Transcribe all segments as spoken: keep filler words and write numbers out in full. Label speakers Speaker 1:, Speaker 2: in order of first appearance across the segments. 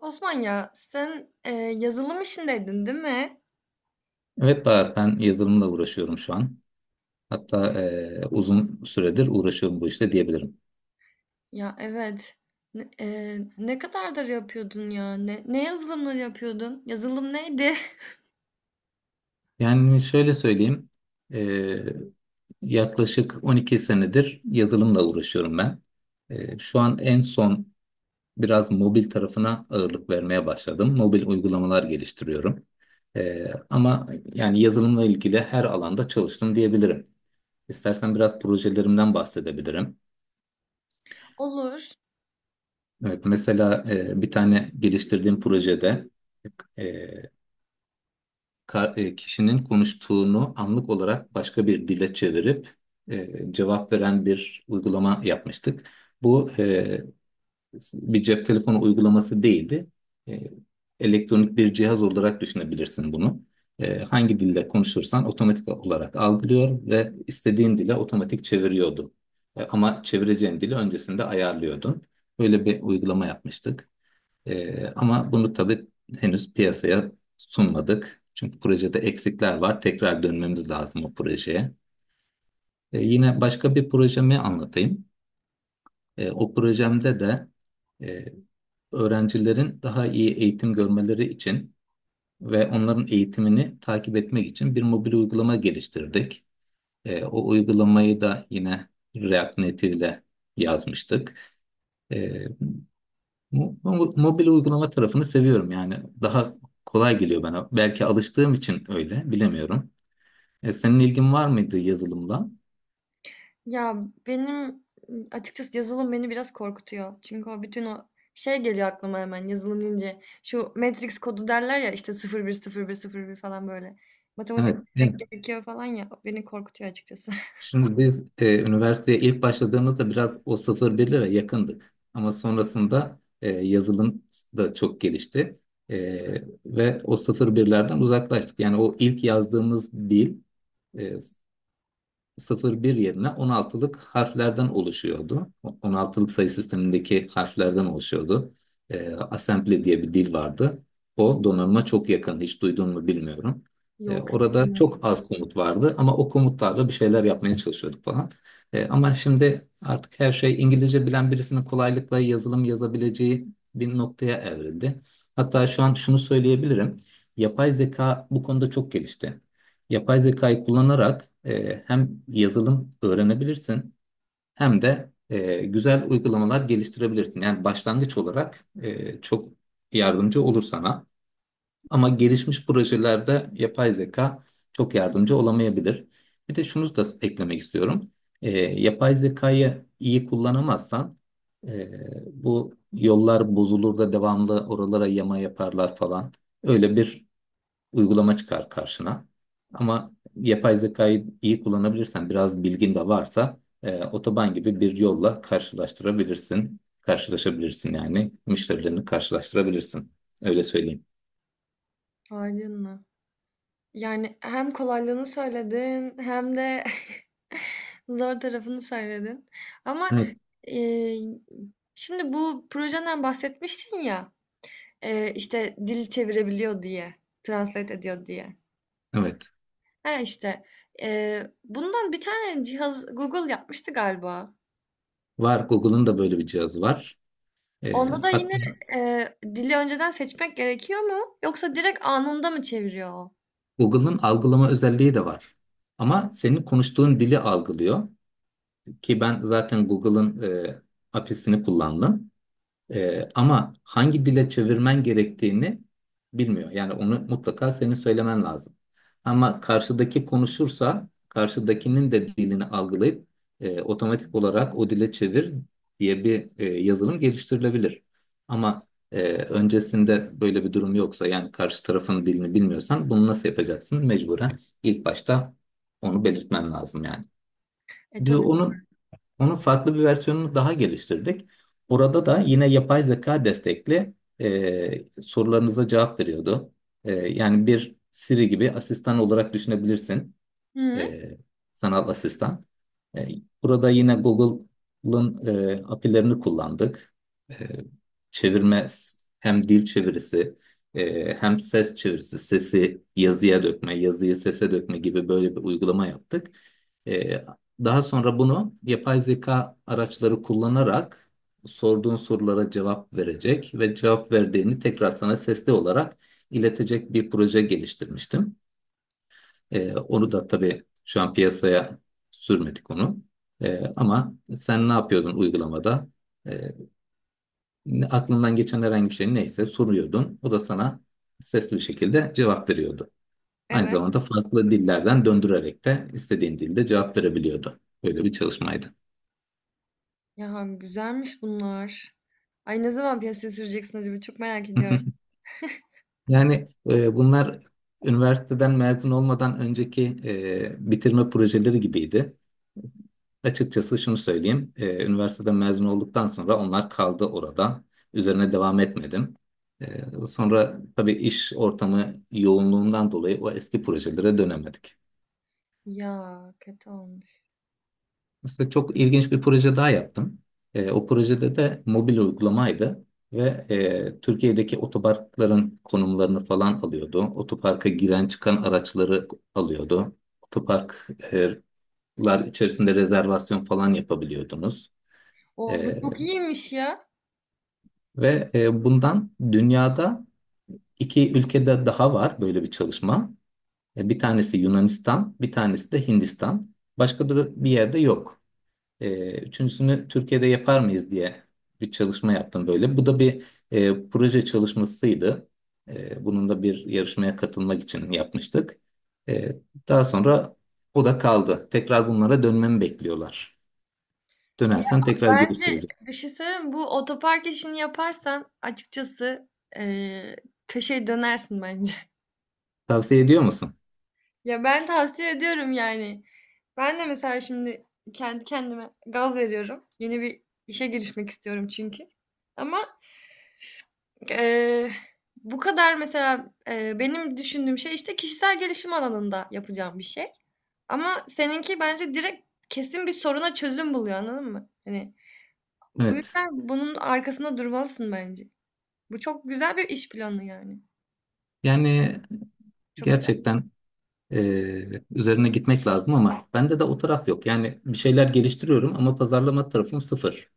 Speaker 1: Osman ya sen e, yazılım işindeydin değil mi?
Speaker 2: Evet Bahar, ben yazılımla uğraşıyorum şu an. Hatta e, uzun süredir uğraşıyorum bu işte diyebilirim.
Speaker 1: Ya evet. Ne, e, ne kadardır yapıyordun ya? Ne, ne yazılımları yapıyordun? Yazılım neydi?
Speaker 2: Yani şöyle söyleyeyim, e, yaklaşık on iki senedir yazılımla uğraşıyorum ben. E, şu an en son biraz mobil tarafına ağırlık vermeye başladım. Mobil uygulamalar geliştiriyorum. E, ama yani yazılımla ilgili her alanda çalıştım diyebilirim. İstersen biraz projelerimden bahsedebilirim.
Speaker 1: Olur.
Speaker 2: Evet, mesela e, bir tane geliştirdiğim projede e, ka- e, kişinin konuştuğunu anlık olarak başka bir dile çevirip e, cevap veren bir uygulama yapmıştık. Bu e, bir cep telefonu uygulaması değildi. E, Elektronik bir cihaz olarak düşünebilirsin bunu. E, hangi dille konuşursan otomatik olarak algılıyor ve istediğin dile otomatik çeviriyordu. E, ama çevireceğin dili öncesinde ayarlıyordun. Böyle bir uygulama yapmıştık. Ee, ama bunu tabii henüz piyasaya sunmadık. Çünkü projede eksikler var. Tekrar dönmemiz lazım o projeye. Ee, yine başka bir projemi anlatayım. Ee, o projemde de e, öğrencilerin daha iyi eğitim görmeleri için ve onların eğitimini takip etmek için bir mobil uygulama geliştirdik. E, o uygulamayı da yine React Native ile yazmıştık. Ee, Mo- mo- Mobil uygulama tarafını seviyorum yani. Daha kolay geliyor bana. Belki alıştığım için öyle, bilemiyorum. E, senin ilgin var mıydı yazılımla?
Speaker 1: Ya benim açıkçası yazılım beni biraz korkutuyor. Çünkü o bütün o şey geliyor aklıma hemen yazılım deyince. Şu Matrix kodu derler ya işte sıfır sıfır sıfır bir bir bir falan böyle.
Speaker 2: Evet.
Speaker 1: Matematik
Speaker 2: Evet.
Speaker 1: bilmek gerekiyor falan ya. o Beni korkutuyor açıkçası.
Speaker 2: Şimdi biz e, üniversiteye ilk başladığımızda biraz o sıfır bir lira yakındık. Ama sonrasında e, yazılım da çok gelişti. E, ve o sıfır birlerden uzaklaştık. Yani o ilk yazdığımız dil e, Sıfır bir yerine on altılık harflerden oluşuyordu. O- on altılık sayı sistemindeki harflerden oluşuyordu. Ee, assembly diye bir dil vardı. O donanıma çok yakın. Hiç duydun mu bilmiyorum. Ee,
Speaker 1: Yok
Speaker 2: orada
Speaker 1: istemiyorum.
Speaker 2: çok az komut vardı ama o komutlarla bir şeyler yapmaya çalışıyorduk falan. Ee, ama şimdi artık her şey İngilizce bilen birisinin kolaylıkla yazılım yazabileceği bir noktaya evrildi. Hatta şu an şunu söyleyebilirim. Yapay zeka bu konuda çok gelişti. Yapay zekayı kullanarak e, hem yazılım öğrenebilirsin hem de e, güzel uygulamalar geliştirebilirsin. Yani başlangıç olarak e, çok yardımcı olur sana. Ama gelişmiş projelerde yapay zeka çok yardımcı olamayabilir. Bir de şunu da eklemek istiyorum. E, yapay zekayı iyi kullanamazsan e, bu yollar bozulur da devamlı oralara yama yaparlar falan. Öyle bir uygulama çıkar karşına. Ama yapay zekayı iyi kullanabilirsen, biraz bilgin de varsa e, otoban gibi bir yolla karşılaştırabilirsin. Karşılaşabilirsin yani müşterilerini karşılaştırabilirsin. Öyle söyleyeyim.
Speaker 1: Aydınlı. Yani, hem kolaylığını söyledin hem de zor tarafını söyledin ama,
Speaker 2: Evet.
Speaker 1: eee, şimdi bu projenden bahsetmiştin ya, eee, işte, dil çevirebiliyor diye, translate ediyor diye.
Speaker 2: Evet.
Speaker 1: He, işte, eee, bundan bir tane cihaz Google yapmıştı galiba.
Speaker 2: Var. Google'ın da böyle bir cihazı var. E,
Speaker 1: Onda da yine,
Speaker 2: hatta
Speaker 1: eee, dili önceden seçmek gerekiyor mu yoksa direkt anında mı çeviriyor o?
Speaker 2: Google'ın algılama özelliği de var. Ama senin konuştuğun dili algılıyor. Ki ben zaten Google'ın e, A P I'sini kullandım. Ee, ama hangi dile çevirmen gerektiğini bilmiyor. Yani onu mutlaka senin söylemen lazım. Ama karşıdaki konuşursa karşıdakinin de dilini algılayıp e, otomatik olarak o dile çevir diye bir e, yazılım geliştirilebilir. Ama e, öncesinde böyle bir durum yoksa yani karşı tarafın dilini bilmiyorsan bunu nasıl yapacaksın? Mecburen ilk başta onu belirtmen lazım yani.
Speaker 1: E,
Speaker 2: Biz
Speaker 1: tabii.
Speaker 2: onu Onun farklı bir versiyonunu daha geliştirdik. Orada da yine yapay zeka destekli e, sorularınıza cevap veriyordu. E, yani bir Siri gibi asistan olarak düşünebilirsin
Speaker 1: Hı.
Speaker 2: e, sanal asistan. E, Burada yine Google'ın e, A P I'lerini kullandık. E, Çevirme hem dil çevirisi e, hem ses çevirisi, sesi yazıya dökme, yazıyı sese dökme gibi böyle bir uygulama yaptık. E, Daha sonra bunu yapay zeka araçları kullanarak sorduğun sorulara cevap verecek ve cevap verdiğini tekrar sana sesli olarak iletecek bir proje geliştirmiştim. Ee, onu da tabii şu an piyasaya sürmedik onu. Ee, ama sen ne yapıyordun uygulamada? Ee, ne- Aklından geçen herhangi bir şey neyse soruyordun. O da sana sesli bir şekilde cevap veriyordu. Aynı
Speaker 1: Evet.
Speaker 2: zamanda farklı dillerden döndürerek de istediğin dilde cevap verebiliyordu. Böyle bir çalışmaydı.
Speaker 1: Ya güzelmiş bunlar. Ay ne zaman piyasaya süreceksin acaba? Çok merak ediyorum.
Speaker 2: Yani e, bunlar üniversiteden mezun olmadan önceki e, bitirme projeleri gibiydi. Açıkçası şunu söyleyeyim. Ee, üniversiteden mezun olduktan sonra onlar kaldı orada. Üzerine devam etmedim. Ee, sonra tabii iş ortamı yoğunluğundan dolayı o eski projelere dönemedik.
Speaker 1: Ya kötü olmuş.
Speaker 2: Mesela çok ilginç bir proje daha yaptım. Ee, o projede de mobil uygulamaydı ve e, Türkiye'deki otoparkların konumlarını falan alıyordu. Otoparka giren çıkan araçları alıyordu. Otoparklar içerisinde rezervasyon falan yapabiliyordunuz.
Speaker 1: O bu
Speaker 2: E,
Speaker 1: çok iyiymiş ya.
Speaker 2: Ve e, bundan dünyada iki ülkede daha var böyle bir çalışma. E, bir tanesi Yunanistan, bir tanesi de Hindistan. Başka da bir yerde yok. E, üçüncüsünü Türkiye'de yapar mıyız diye bir çalışma yaptım böyle. Bu da bir e, proje çalışmasıydı. E, bunun da bir yarışmaya katılmak için yapmıştık. E, Daha sonra o da kaldı. Tekrar bunlara dönmemi bekliyorlar.
Speaker 1: Ya
Speaker 2: Dönersem tekrar
Speaker 1: bence
Speaker 2: geliştireceğim.
Speaker 1: bir şey söyleyeyim mi? Bu otopark işini yaparsan açıkçası eee köşeye dönersin bence.
Speaker 2: Tavsiye ediyor musun?
Speaker 1: Ya ben tavsiye ediyorum yani. Ben de mesela şimdi kendi kendime gaz veriyorum. Yeni bir işe girişmek istiyorum çünkü. Ama Eee, bu kadar mesela, eee, benim düşündüğüm şey, işte, kişisel gelişim alanında yapacağım bir şey ama seninki bence direkt kesin bir soruna çözüm buluyor, anladın mı? Hani, bu
Speaker 2: Evet.
Speaker 1: yüzden bunun arkasında durmalısın bence. Bu çok güzel bir iş planı yani.
Speaker 2: Yani
Speaker 1: Çok güzel.
Speaker 2: gerçekten Ee, üzerine gitmek lazım ama bende de o taraf yok. Yani bir şeyler geliştiriyorum ama pazarlama tarafım sıfır.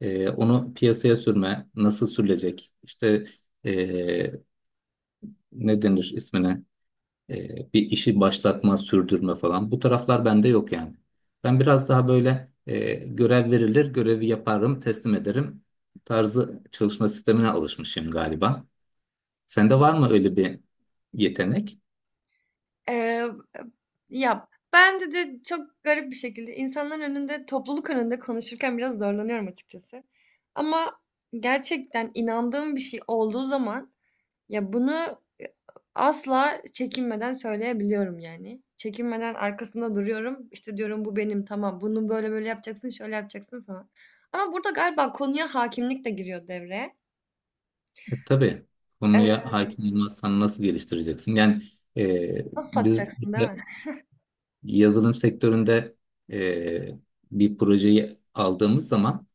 Speaker 2: Ee, onu piyasaya sürme, nasıl sürülecek, işte ee, ne denir ismine, Ee, bir işi başlatma, sürdürme falan. Bu taraflar bende yok yani. Ben biraz daha böyle ee, görev verilir, görevi yaparım, teslim ederim tarzı çalışma sistemine alışmışım galiba. Sende var mı öyle bir yetenek?
Speaker 1: Eee, eb ya, bende de de çok garip bir şekilde insanların önünde, topluluk önünde konuşurken biraz zorlanıyorum açıkçası ama gerçekten inandığım bir şey olduğu zaman ya, bunu asla çekinmeden söyleyebiliyorum yani. Çekinmeden arkasında duruyorum. İşte, diyorum, "Bu benim, tamam. Bunu böyle böyle yapacaksın, şöyle yapacaksın." falan. Ama burada galiba konuya hakimlik de giriyor devreye.
Speaker 2: E, tabii
Speaker 1: Eee,
Speaker 2: konuya hakim olmazsan nasıl geliştireceksin? Yani e,
Speaker 1: nasıl
Speaker 2: biz
Speaker 1: satacaksın, değil
Speaker 2: işte
Speaker 1: mi?
Speaker 2: yazılım sektöründe e, bir projeyi aldığımız zaman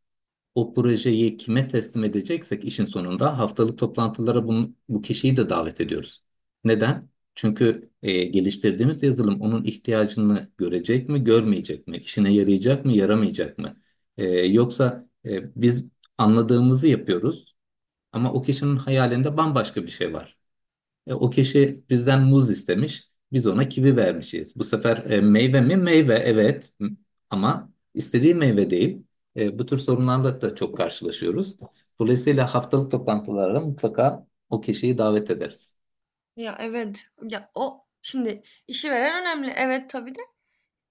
Speaker 2: o projeyi kime teslim edeceksek işin sonunda haftalık toplantılara bunu, bu kişiyi de davet ediyoruz. Neden? Çünkü e, geliştirdiğimiz yazılım onun ihtiyacını görecek mi, görmeyecek mi? İşine yarayacak mı, yaramayacak mı? E, yoksa e, biz anladığımızı yapıyoruz. Ama o kişinin hayalinde bambaşka bir şey var. E, o kişi bizden muz istemiş, biz ona kivi vermişiz. Bu sefer e, meyve mi? Meyve, evet. M- Ama istediği meyve değil. E, bu tür sorunlarla da çok karşılaşıyoruz. Dolayısıyla haftalık toplantılara mutlaka o kişiyi davet ederiz.
Speaker 1: Ya, evet. Ya, o şimdi işi veren önemli. Evet, tabii de.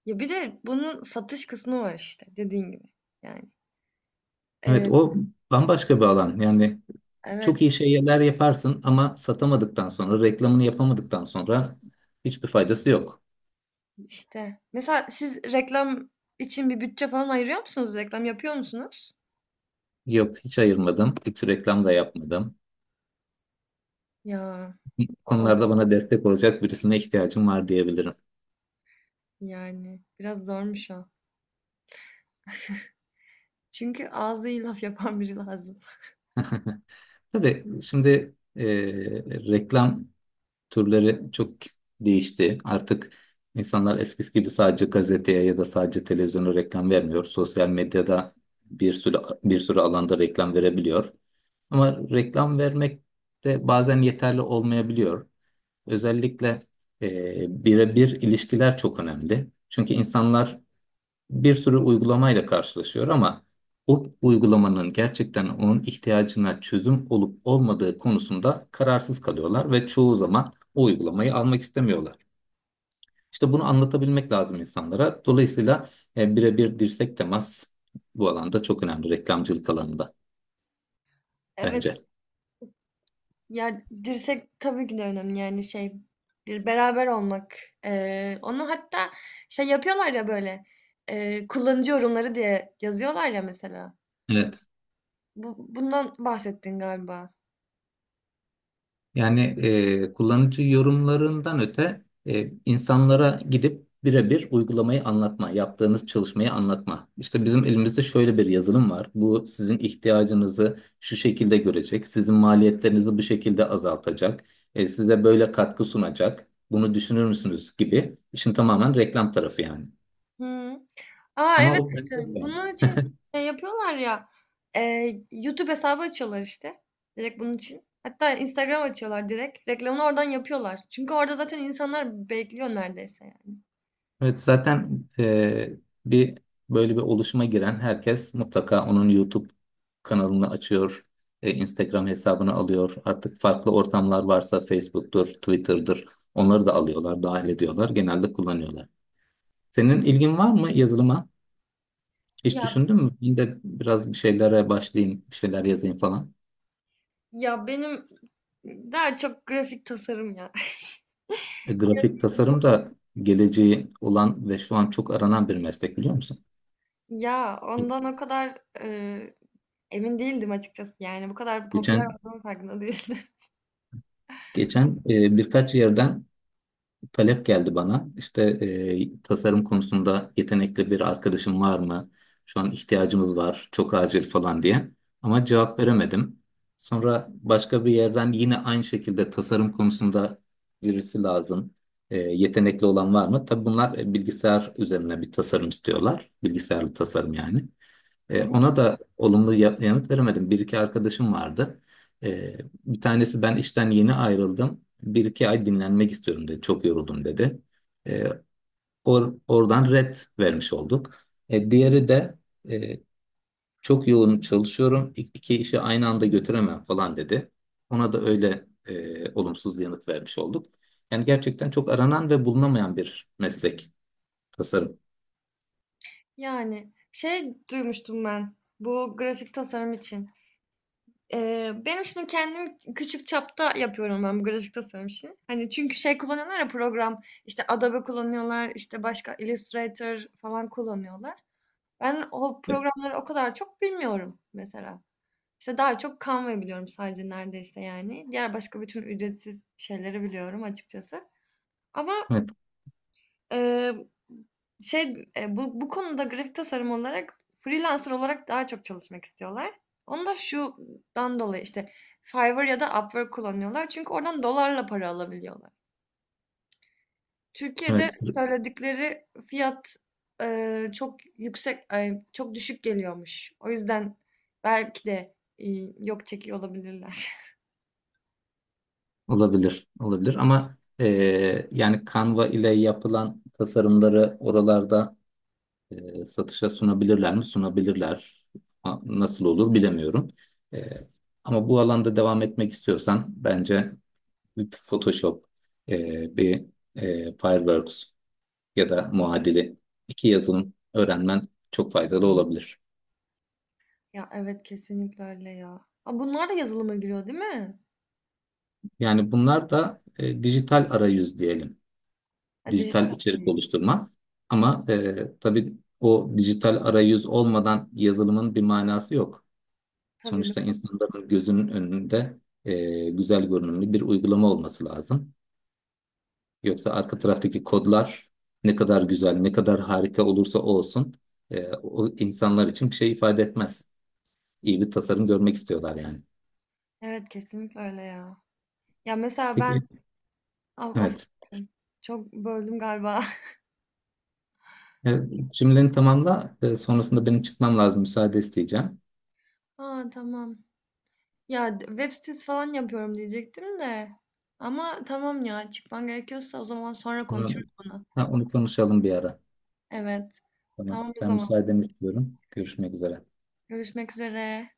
Speaker 1: Ya, bir de bunun satış kısmı var işte dediğin gibi yani.
Speaker 2: Evet,
Speaker 1: Eee,
Speaker 2: o bambaşka bir alan. Yani çok
Speaker 1: evet,
Speaker 2: iyi şeyler yaparsın ama satamadıktan sonra, reklamını yapamadıktan sonra hiçbir faydası yok.
Speaker 1: işte. Mesela siz reklam için bir bütçe falan ayırıyor musunuz? Reklam yapıyor musunuz?
Speaker 2: Yok, hiç ayırmadım, hiç reklam da yapmadım.
Speaker 1: Ya.
Speaker 2: Konularda
Speaker 1: Olmaz
Speaker 2: bana destek olacak birisine ihtiyacım var diyebilirim.
Speaker 1: yani. Biraz zormuş o. Çünkü ağzı iyi laf yapan biri lazım.
Speaker 2: Tabii şimdi e, reklam türleri çok değişti. Artık insanlar eskisi gibi sadece gazeteye ya da sadece televizyona reklam vermiyor. Sosyal medyada bir sürü bir sürü alanda reklam verebiliyor. Ama reklam vermek de bazen yeterli olmayabiliyor. Özellikle e, birebir ilişkiler çok önemli. Çünkü insanlar bir sürü uygulamayla karşılaşıyor ama o uygulamanın gerçekten onun ihtiyacına çözüm olup olmadığı konusunda kararsız kalıyorlar ve çoğu zaman o uygulamayı almak istemiyorlar. İşte bunu anlatabilmek lazım insanlara. Dolayısıyla e, birebir dirsek temas bu alanda çok önemli reklamcılık alanında
Speaker 1: Evet.
Speaker 2: bence.
Speaker 1: Ya dirsek tabii ki de önemli yani şey bir beraber olmak. Ee, onu hatta şey yapıyorlar ya böyle e, kullanıcı yorumları diye yazıyorlar ya mesela.
Speaker 2: Evet.
Speaker 1: Bu, bundan bahsettin galiba.
Speaker 2: Yani e, kullanıcı yorumlarından öte e, insanlara gidip birebir uygulamayı anlatma, yaptığınız çalışmayı anlatma. İşte bizim elimizde şöyle bir yazılım var. Bu sizin ihtiyacınızı şu şekilde görecek, sizin maliyetlerinizi bu şekilde azaltacak, e, size böyle katkı sunacak. Bunu düşünür müsünüz gibi. İşin tamamen reklam tarafı yani.
Speaker 1: Hıı. A,
Speaker 2: Ama
Speaker 1: evet,
Speaker 2: o
Speaker 1: işte, bunun
Speaker 2: bence
Speaker 1: için şey yapıyorlar ya, eee, YouTube hesabı açıyorlar, işte, direkt bunun için. Hatta Instagram açıyorlar direkt. Reklamını oradan yapıyorlar. Çünkü orada zaten insanlar bekliyor neredeyse yani.
Speaker 2: Evet zaten e, bir böyle bir oluşuma giren herkes mutlaka onun YouTube kanalını açıyor, e, Instagram hesabını alıyor. Artık farklı ortamlar varsa Facebook'tur, Twitter'dır. Onları da alıyorlar, dahil ediyorlar, genelde kullanıyorlar. Senin ilgin var mı yazılıma? Hiç
Speaker 1: Ya
Speaker 2: düşündün mü? Ben de biraz bir şeylere başlayayım, bir şeyler yazayım falan.
Speaker 1: ya benim daha çok grafik tasarım ya.
Speaker 2: E, grafik tasarım da geleceği olan ve şu an çok aranan bir meslek biliyor musun?
Speaker 1: Ya, ondan o kadar, eee, emin değildim açıkçası. Yani bu kadar popüler
Speaker 2: Geçen
Speaker 1: olduğunun farkında değildim.
Speaker 2: geçen e, birkaç yerden talep geldi bana. İşte e, tasarım konusunda yetenekli bir arkadaşım var mı? Şu an ihtiyacımız var, çok acil falan diye. Ama cevap veremedim. Sonra başka bir yerden yine aynı şekilde tasarım konusunda birisi lazım. E, yetenekli olan var mı? Tabii bunlar e, bilgisayar üzerine bir tasarım istiyorlar. Bilgisayarlı tasarım yani. E, ona da olumlu ya- yanıt veremedim. Bir iki arkadaşım vardı. E, Bir tanesi ben işten yeni ayrıldım. Bir iki ay dinlenmek istiyorum dedi. Çok yoruldum dedi. E, or- Oradan red vermiş olduk. E, diğeri de e, çok yoğun çalışıyorum. İ- İki işi aynı anda götüremem falan dedi. Ona da öyle e, olumsuz yanıt vermiş olduk. Yani gerçekten çok aranan ve bulunamayan bir meslek tasarım.
Speaker 1: Yani, şey duymuştum ben, bu grafik tasarım için Eee, benim şimdi kendim küçük çapta yapıyorum ben bu grafik tasarım işini. Hani çünkü şey kullanıyorlar ya program, işte Adobe kullanıyorlar, işte başka Illustrator falan kullanıyorlar. Ben o programları o kadar çok bilmiyorum mesela. İşte daha çok Canva biliyorum sadece neredeyse yani. Diğer başka bütün ücretsiz şeyleri biliyorum açıkçası. Ama
Speaker 2: Evet,
Speaker 1: Eee, şey, eee, bu bu konuda grafik tasarım olarak freelancer olarak daha çok çalışmak istiyorlar. Onu da şundan dolayı işte Fiverr ya da Upwork kullanıyorlar. Çünkü oradan dolarla para alabiliyorlar. Türkiye'de
Speaker 2: evet.
Speaker 1: söyledikleri fiyat eee, çok yüksek, ay, çok düşük geliyormuş. O yüzden belki de eee, yok çekiyor olabilirler.
Speaker 2: Olabilir, olabilir ama eee, yani Canva ile yapılan tasarımları oralarda eee, satışa sunabilirler mi? Sunabilirler. A- Nasıl olur bilemiyorum. Eee, ama bu alanda devam etmek istiyorsan bence bir Photoshop, eee, bir eee, Fireworks ya da muadili iki yazılım öğrenmen çok faydalı olabilir.
Speaker 1: Ya evet kesinlikle öyle ya. Aa, bunlar da yazılıma giriyor değil mi?
Speaker 2: Yani bunlar da eee, dijital arayüz diyelim.
Speaker 1: Ha,
Speaker 2: Dijital
Speaker 1: dijital.
Speaker 2: içerik
Speaker 1: Evet.
Speaker 2: oluşturma. Ama e, tabii o dijital arayüz olmadan yazılımın bir manası yok.
Speaker 1: Tabii.
Speaker 2: Sonuçta insanların gözünün önünde e, güzel görünümlü bir uygulama olması lazım. Yoksa arka taraftaki kodlar ne kadar güzel, ne kadar harika olursa olsun e, o insanlar için bir şey ifade etmez. İyi bir tasarım görmek istiyorlar yani.
Speaker 1: Evet kesinlikle öyle ya. Ya mesela ben
Speaker 2: Peki,
Speaker 1: Af- af-
Speaker 2: evet.
Speaker 1: çok böldüm galiba.
Speaker 2: E, Cümleni tamamla. E, sonrasında benim çıkmam lazım. Müsaade isteyeceğim.
Speaker 1: Aa tamam. Ya d- web sitesi falan yapıyorum diyecektim de. Ama tamam ya çıkman gerekiyorsa o zaman sonra
Speaker 2: Tamam.
Speaker 1: konuşuruz bunu.
Speaker 2: Ha, onu konuşalım bir ara.
Speaker 1: Evet.
Speaker 2: Tamam.
Speaker 1: Tamam o
Speaker 2: Ben
Speaker 1: zaman.
Speaker 2: müsaadeni istiyorum. Görüşmek üzere.
Speaker 1: Görüşmek üzere.